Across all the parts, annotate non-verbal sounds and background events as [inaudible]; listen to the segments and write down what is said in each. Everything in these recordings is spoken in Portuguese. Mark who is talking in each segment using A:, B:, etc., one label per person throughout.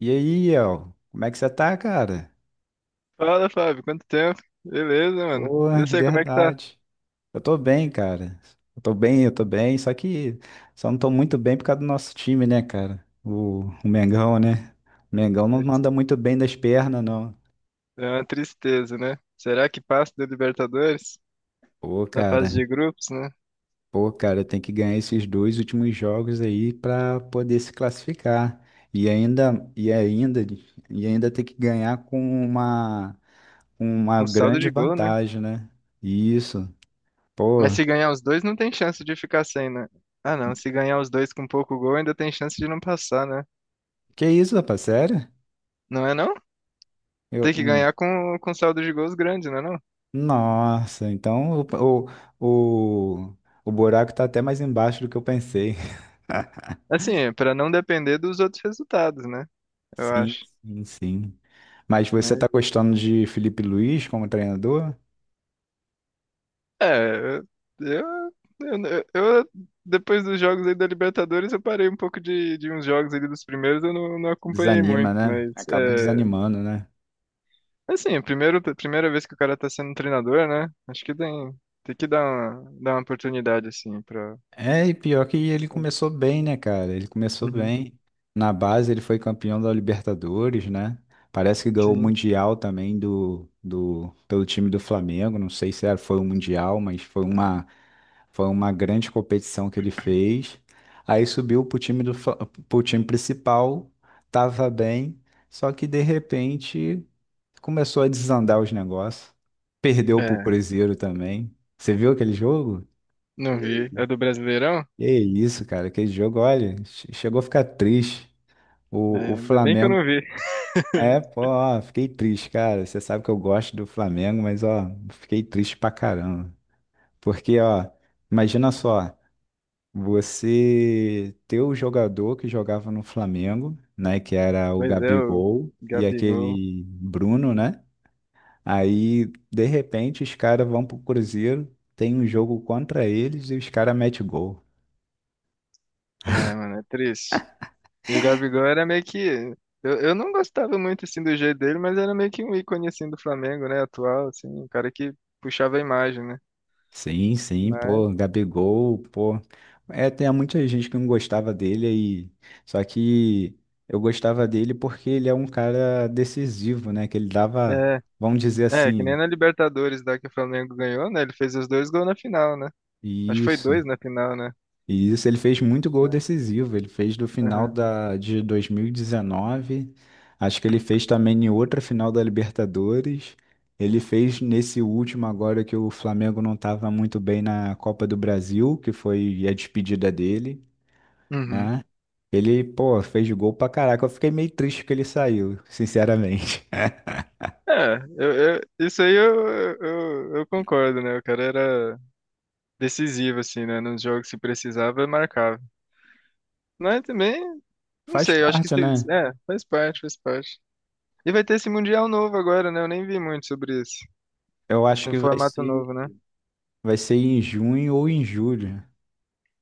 A: E aí, El, como é que você tá, cara?
B: Fala, Fábio, quanto tempo? Beleza, mano.
A: Boa,
B: Eu sei como é que tá.
A: verdade. Eu tô bem, cara. Eu tô bem, só que só não tô muito bem por causa do nosso time, né, cara? O Mengão, né? O Mengão não manda
B: Aqui.
A: muito bem das pernas, não.
B: É uma tristeza, né? Será que passa da Libertadores?
A: Pô,
B: Da fase
A: cara,
B: de grupos, né?
A: pô, cara, tem que ganhar esses dois últimos jogos aí pra poder se classificar. E ainda, e ainda, e ainda tem que ganhar com uma, com uma
B: Com saldo
A: grande
B: de gol, né?
A: vantagem, né? Isso. Pô,
B: Mas se ganhar os dois, não tem chance de ficar sem, né? Ah, não. Se ganhar os dois com pouco gol, ainda tem chance de não passar, né?
A: que isso, rapaz? Sério?
B: Não é não?
A: Eu...
B: Tem que ganhar com saldo de gols grande, não é não?
A: Nossa, então o, o, o buraco tá até mais embaixo do que eu pensei. [laughs]
B: Assim, pra não depender dos outros resultados, né? Eu
A: Sim,
B: acho.
A: sim, sim. Mas você tá gostando de Felipe Luiz como treinador?
B: É, eu, eu, eu- depois dos jogos aí da Libertadores, eu parei um pouco de uns jogos ali dos primeiros, eu não acompanhei muito,
A: Desanima, né?
B: mas
A: Acaba
B: é,
A: desanimando, né?
B: assim, é a primeira vez que o cara tá sendo treinador, né? Acho que tem que dar dar uma oportunidade, assim, pra.
A: É, e pior que ele começou bem, né, cara? Ele começou
B: Uhum.
A: bem. Na base, ele foi campeão da Libertadores, né? Parece que ganhou o
B: Sim.
A: Mundial também pelo time do Flamengo. Não sei se foi o Mundial, mas foi uma foi uma grande competição que ele fez. Aí subiu pro pro time principal, tava bem, só que de repente começou a desandar os negócios. Perdeu pro
B: É,
A: Cruzeiro também. Você viu aquele jogo?
B: não vi.
A: Que,
B: É do Brasileirão?
A: que isso, cara, aquele jogo, olha, chegou a ficar triste. O
B: É, ainda bem que eu
A: Flamengo.
B: não vi. [laughs]
A: É, pô, ó, fiquei triste, cara. Você sabe que eu gosto do Flamengo, mas ó, fiquei triste pra caramba. Porque, ó, imagina só. Você ter o jogador que jogava no Flamengo, né, que era o
B: Pois é, o
A: Gabigol e
B: Gabigol.
A: aquele Bruno, né? Aí, de repente, os caras vão pro Cruzeiro, tem um jogo contra eles e os caras metem gol.
B: É, mano, é triste. E o Gabigol era meio que. Eu, não gostava muito assim do jeito dele, mas era meio que um ícone assim do Flamengo, né? Atual, assim, um cara que puxava a imagem, né?
A: Sim, sim,
B: Mas
A: pô, Gabigol, pô. É, tem muita gente que não gostava dele aí. Só que eu gostava dele porque ele é um cara decisivo, né? Que ele dava,
B: é,
A: vamos dizer
B: é, que nem
A: assim,
B: na Libertadores da que o Flamengo ganhou, né? Ele fez os dois gols na final, né? Acho que foi
A: isso.
B: dois na final, né?
A: E isso ele fez muito gol decisivo. Ele fez do final
B: Aham.
A: da, de 2019. Acho que ele fez também em outra final da Libertadores. Ele fez nesse último agora que o Flamengo não estava muito bem na Copa do Brasil, que foi a despedida dele,
B: Uhum.
A: né? Ele, pô, fez gol pra caraca. Eu fiquei meio triste que ele saiu, sinceramente.
B: É, isso aí eu, eu concordo, né? O cara era decisivo, assim, né? Nos jogos se precisava, marcava. Mas também,
A: [laughs]
B: não
A: Faz
B: sei, eu acho que.
A: parte,
B: Se-
A: né?
B: É, faz parte, faz parte. E vai ter esse Mundial novo agora, né? Eu nem vi muito sobre isso.
A: Eu acho
B: Esse
A: que
B: formato novo, né?
A: vai ser em junho ou em julho.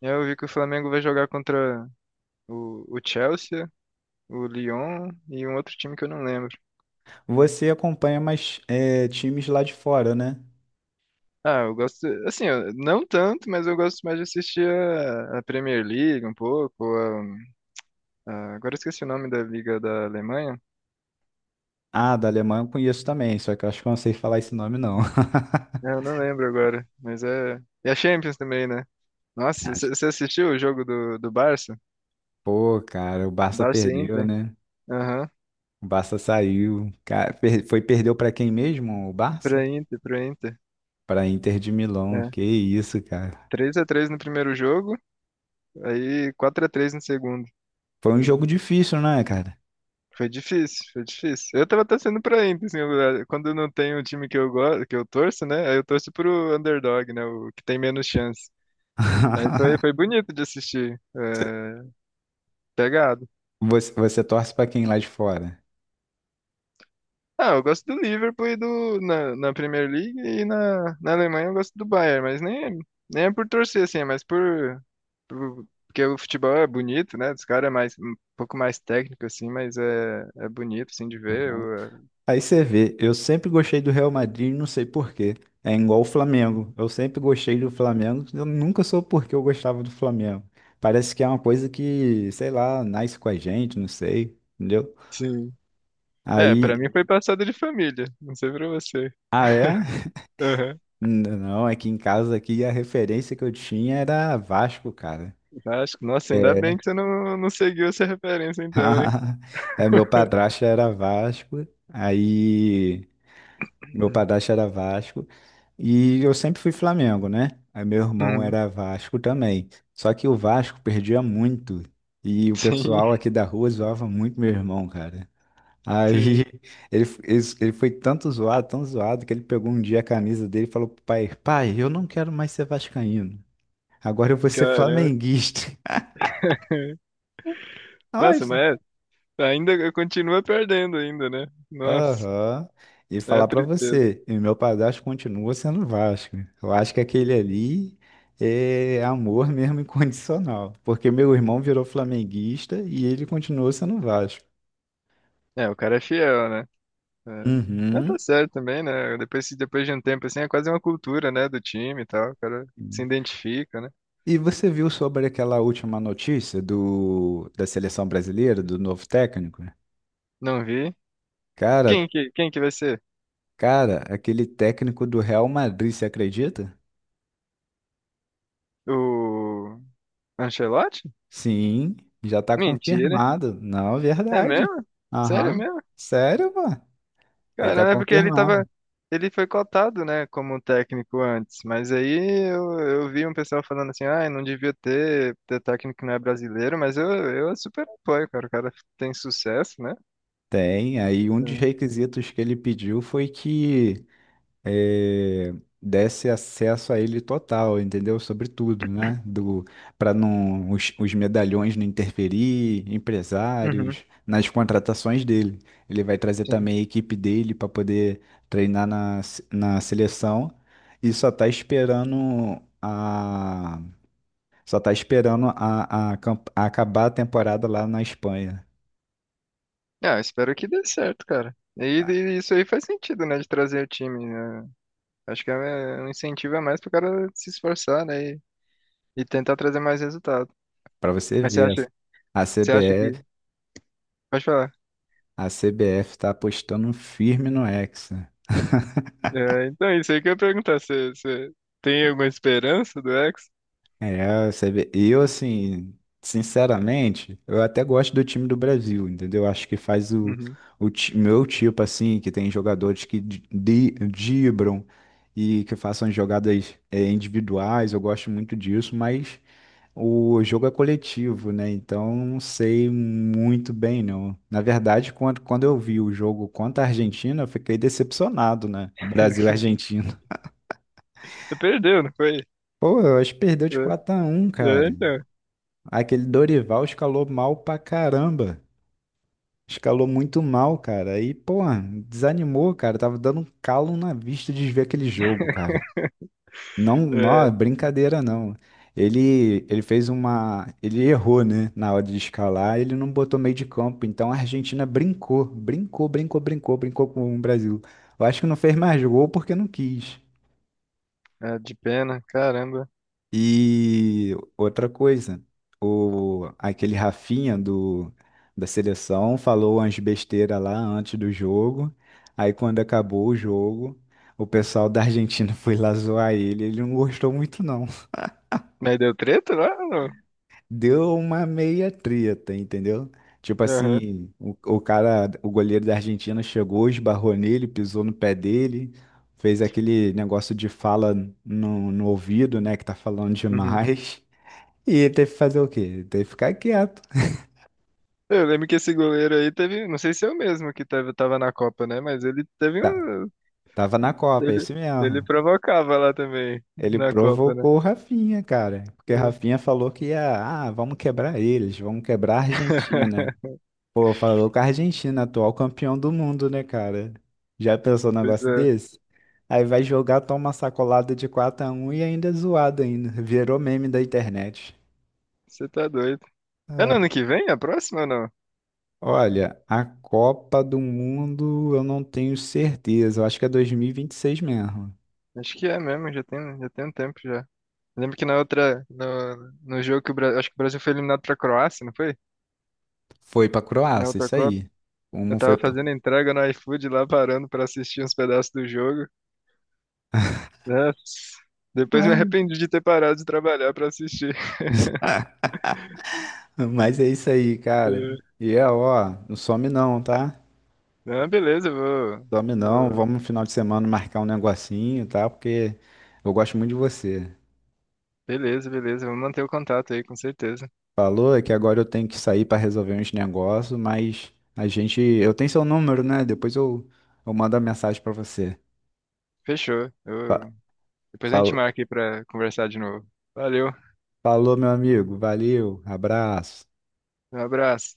B: Eu vi que o Flamengo vai jogar contra o Chelsea, o Lyon e um outro time que eu não lembro.
A: Você acompanha mais times lá de fora, né?
B: Ah, eu gosto, assim, eu- não tanto, mas eu gosto mais de assistir a Premier League um pouco. Agora eu esqueci o nome da Liga da Alemanha.
A: Ah, da Alemanha eu conheço também, só que eu acho que eu não sei falar esse nome, não. [laughs]
B: É, eu não lembro agora, mas é. E a Champions também, né? Nossa,
A: Mas,
B: você assistiu o jogo do Barça?
A: pô, cara, o Barça
B: Barça e
A: perdeu,
B: Inter?
A: né?
B: Aham,
A: O Barça saiu. Cara, per- foi perdeu pra quem mesmo? O Barça?
B: pra Inter.
A: Pra Inter de Milão.
B: É,
A: Que isso, cara.
B: 3-3 no primeiro jogo, aí 4-3 no segundo.
A: Foi um jogo difícil, né, cara?
B: Foi difícil, foi difícil. Eu tava torcendo pra Inter, assim, quando não tem um time que eu gosto, que eu torço, né? Aí eu torço pro underdog, né? O que tem menos chance. Mas foi, foi
A: [laughs]
B: bonito de assistir. É, pegado.
A: Você torce pra quem lá de fora?
B: Ah, eu gosto do Liverpool e do, na Premier League e na Alemanha eu gosto do Bayern, mas nem, é- nem é por torcer, assim, é mais por- Porque o futebol é bonito, né? Dos caras é mais, um pouco mais técnico, assim, mas é, é bonito, assim, de ver. Eu,
A: Aí você vê, eu sempre gostei do Real Madrid, não sei por quê. É igual o Flamengo. Eu sempre gostei do Flamengo, eu nunca soube por que eu gostava do Flamengo. Parece que é uma coisa que, sei lá, nasce com a gente, não sei, entendeu?
B: sim. É,
A: Aí,
B: pra mim foi passado de família. Não sei pra você.
A: ah é?
B: [laughs]
A: [laughs]
B: Aham.
A: Não, não, é que em casa aqui a referência que eu tinha era Vasco, cara.
B: Acho que, nossa, ainda
A: É.
B: bem que você não seguiu essa referência então, hein?
A: [laughs] É, meu padrasto era Vasco. E eu sempre fui Flamengo, né? Aí meu irmão
B: Uhum.
A: era Vasco também. Só que o Vasco perdia muito. E o
B: Sim,
A: pessoal aqui da rua zoava muito meu irmão, cara. Aí
B: sim.
A: [laughs] ele foi tanto zoado, tão zoado, que ele pegou um dia a camisa dele e falou pro pai: Pai, eu não quero mais ser vascaíno. Agora eu vou ser
B: Caramba.
A: flamenguista.
B: [laughs]
A: [laughs] Ai,
B: Nossa, mas é, ainda continua perdendo ainda, né? Nossa,
A: aham. E
B: é
A: falar
B: uma
A: pra
B: tristeza.
A: você, e meu padrasto continua sendo Vasco. Eu acho que aquele ali é amor mesmo [laughs] incondicional, porque meu irmão virou flamenguista e ele continuou sendo Vasco.
B: É, o cara é fiel, né? É. Mas
A: Uhum.
B: tá certo também, né? Depois, se- depois de um tempo, assim, é quase uma cultura, né? Do time e tal. O cara se identifica, né?
A: E você viu sobre aquela última notícia do da seleção brasileira, do novo técnico?
B: Não vi.
A: Cara,
B: Quem que vai ser?
A: cara, aquele técnico do Real Madrid, você acredita?
B: O Ancelotti?
A: Sim, já tá
B: Mentira.
A: confirmado. Não,
B: É
A: verdade.
B: mesmo? Sério
A: Aham.
B: mesmo?
A: Sério, pô? Ele está
B: Cara, é porque ele tava.
A: confirmado.
B: Ele foi cotado, né, como técnico antes, mas aí eu vi um pessoal falando assim, ah, não devia ter técnico que não é brasileiro, mas eu super apoio, cara. O cara tem sucesso, né?
A: Tem. Aí um dos
B: É.
A: requisitos que ele pediu foi que eh, desse acesso a ele total, entendeu? Sobre tudo, né? Do Para não os medalhões não interferir,
B: Uhum,
A: empresários, nas contratações dele. Ele vai trazer
B: sim.
A: também a equipe dele para poder treinar na, se- na seleção e só tá esperando a, camp- a acabar a temporada lá na Espanha.
B: Ah, eu espero que dê certo, cara. E isso aí faz sentido, né, de trazer o time, né? Acho que é é um incentivo a mais pro cara se esforçar, né, e tentar trazer mais resultado.
A: Para você
B: Mas
A: ver, a
B: você acha que...
A: CBF,
B: Pode falar.
A: a CBF está apostando firme no Hexa.
B: É, então, isso aí que eu ia perguntar. Você tem alguma esperança do ex
A: É, você vê. Eu, assim, sinceramente, eu até gosto do time do Brasil, entendeu? Acho que faz
B: Uhum.
A: meu tipo, assim, que tem jogadores que driblam e que façam jogadas é, individuais, eu gosto muito disso, mas o jogo é coletivo, né? Então não sei muito bem, não. Na verdade, quando eu vi o jogo contra a Argentina, eu fiquei decepcionado, né? O Brasil e a
B: [laughs]
A: Argentina.
B: Perdeu, não foi?
A: [laughs] Pô, eu acho que perdeu de quatro
B: É,
A: a um,
B: é,
A: cara.
B: então.
A: Aquele Dorival escalou mal pra caramba. Escalou muito mal, cara. E, pô, desanimou, cara. Tava dando um calo na vista de ver aquele jogo, cara. Não, não, é
B: É,
A: brincadeira não. Ele fez uma. Ele errou, né? Na hora de escalar, ele não botou meio de campo. Então a Argentina brincou com o Brasil. Eu acho que não fez mais gol porque não quis.
B: é, de pena, caramba.
A: E outra coisa, aquele da seleção falou umas besteiras lá antes do jogo. Aí quando acabou o jogo, o pessoal da Argentina [laughs] foi lá zoar ele. Ele não gostou muito, não.
B: Mas deu treta lá ou não?
A: Deu uma meia treta, entendeu? Tipo
B: Aham.
A: assim, o goleiro da Argentina chegou, esbarrou nele, pisou no pé dele, fez aquele negócio de fala no ouvido, né, que tá falando
B: Uhum.
A: demais. E ele teve que fazer o quê? Teve que ficar quieto.
B: Eu lembro que esse goleiro aí teve, não sei se é o mesmo que teve, tava na Copa, né? Mas ele teve
A: Tá,
B: um,
A: tava na Copa, é
B: ele,
A: isso
B: ele
A: mesmo.
B: provocava lá também
A: Ele
B: na Copa, né?
A: provocou o Rafinha, cara, porque o
B: É.
A: Rafinha falou que ia, ah, vamos quebrar eles, vamos quebrar a Argentina.
B: [laughs]
A: Pô, falou com a Argentina, atual campeão do mundo, né, cara? Já pensou num
B: Pois
A: negócio
B: é,
A: desse? Aí vai jogar, toma uma sacolada de quatro x 1 e ainda é zoado ainda. Virou meme da internet.
B: você tá doido. É no ano
A: É.
B: que vem, a próxima ou não?
A: Olha, a Copa do Mundo eu não tenho certeza. Eu acho que é 2026 mesmo.
B: Acho que é mesmo, já tem um tempo já. Eu lembro que na outra, no jogo que o Brasil, acho que o Brasil foi eliminado pra Croácia, não foi?
A: Foi pra
B: Na
A: Croácia,
B: outra
A: isso
B: Copa.
A: aí.
B: Eu
A: Como foi
B: tava
A: pra...
B: fazendo entrega no iFood lá, parando pra assistir uns pedaços do jogo. Nossa. Depois me
A: [laughs]
B: arrependi de ter parado de trabalhar pra assistir. [laughs]
A: Mas é isso aí, cara.
B: É.
A: E é, ó, não some não, tá?
B: Não, beleza, eu vou.
A: Some não, vamos
B: eu-
A: no final de semana marcar um negocinho, tá? Porque eu gosto muito de você.
B: Beleza, beleza, vamos manter o contato aí, com certeza.
A: Falou é que agora eu tenho que sair para resolver uns negócios, mas a gente, eu tenho seu número, né? Depois eu mando a mensagem para você.
B: Fechou.
A: Fa-
B: Eu... Depois a gente
A: fal-
B: marca aí pra conversar de novo. Valeu,
A: Falou, meu amigo. Valeu, abraço.
B: um abraço.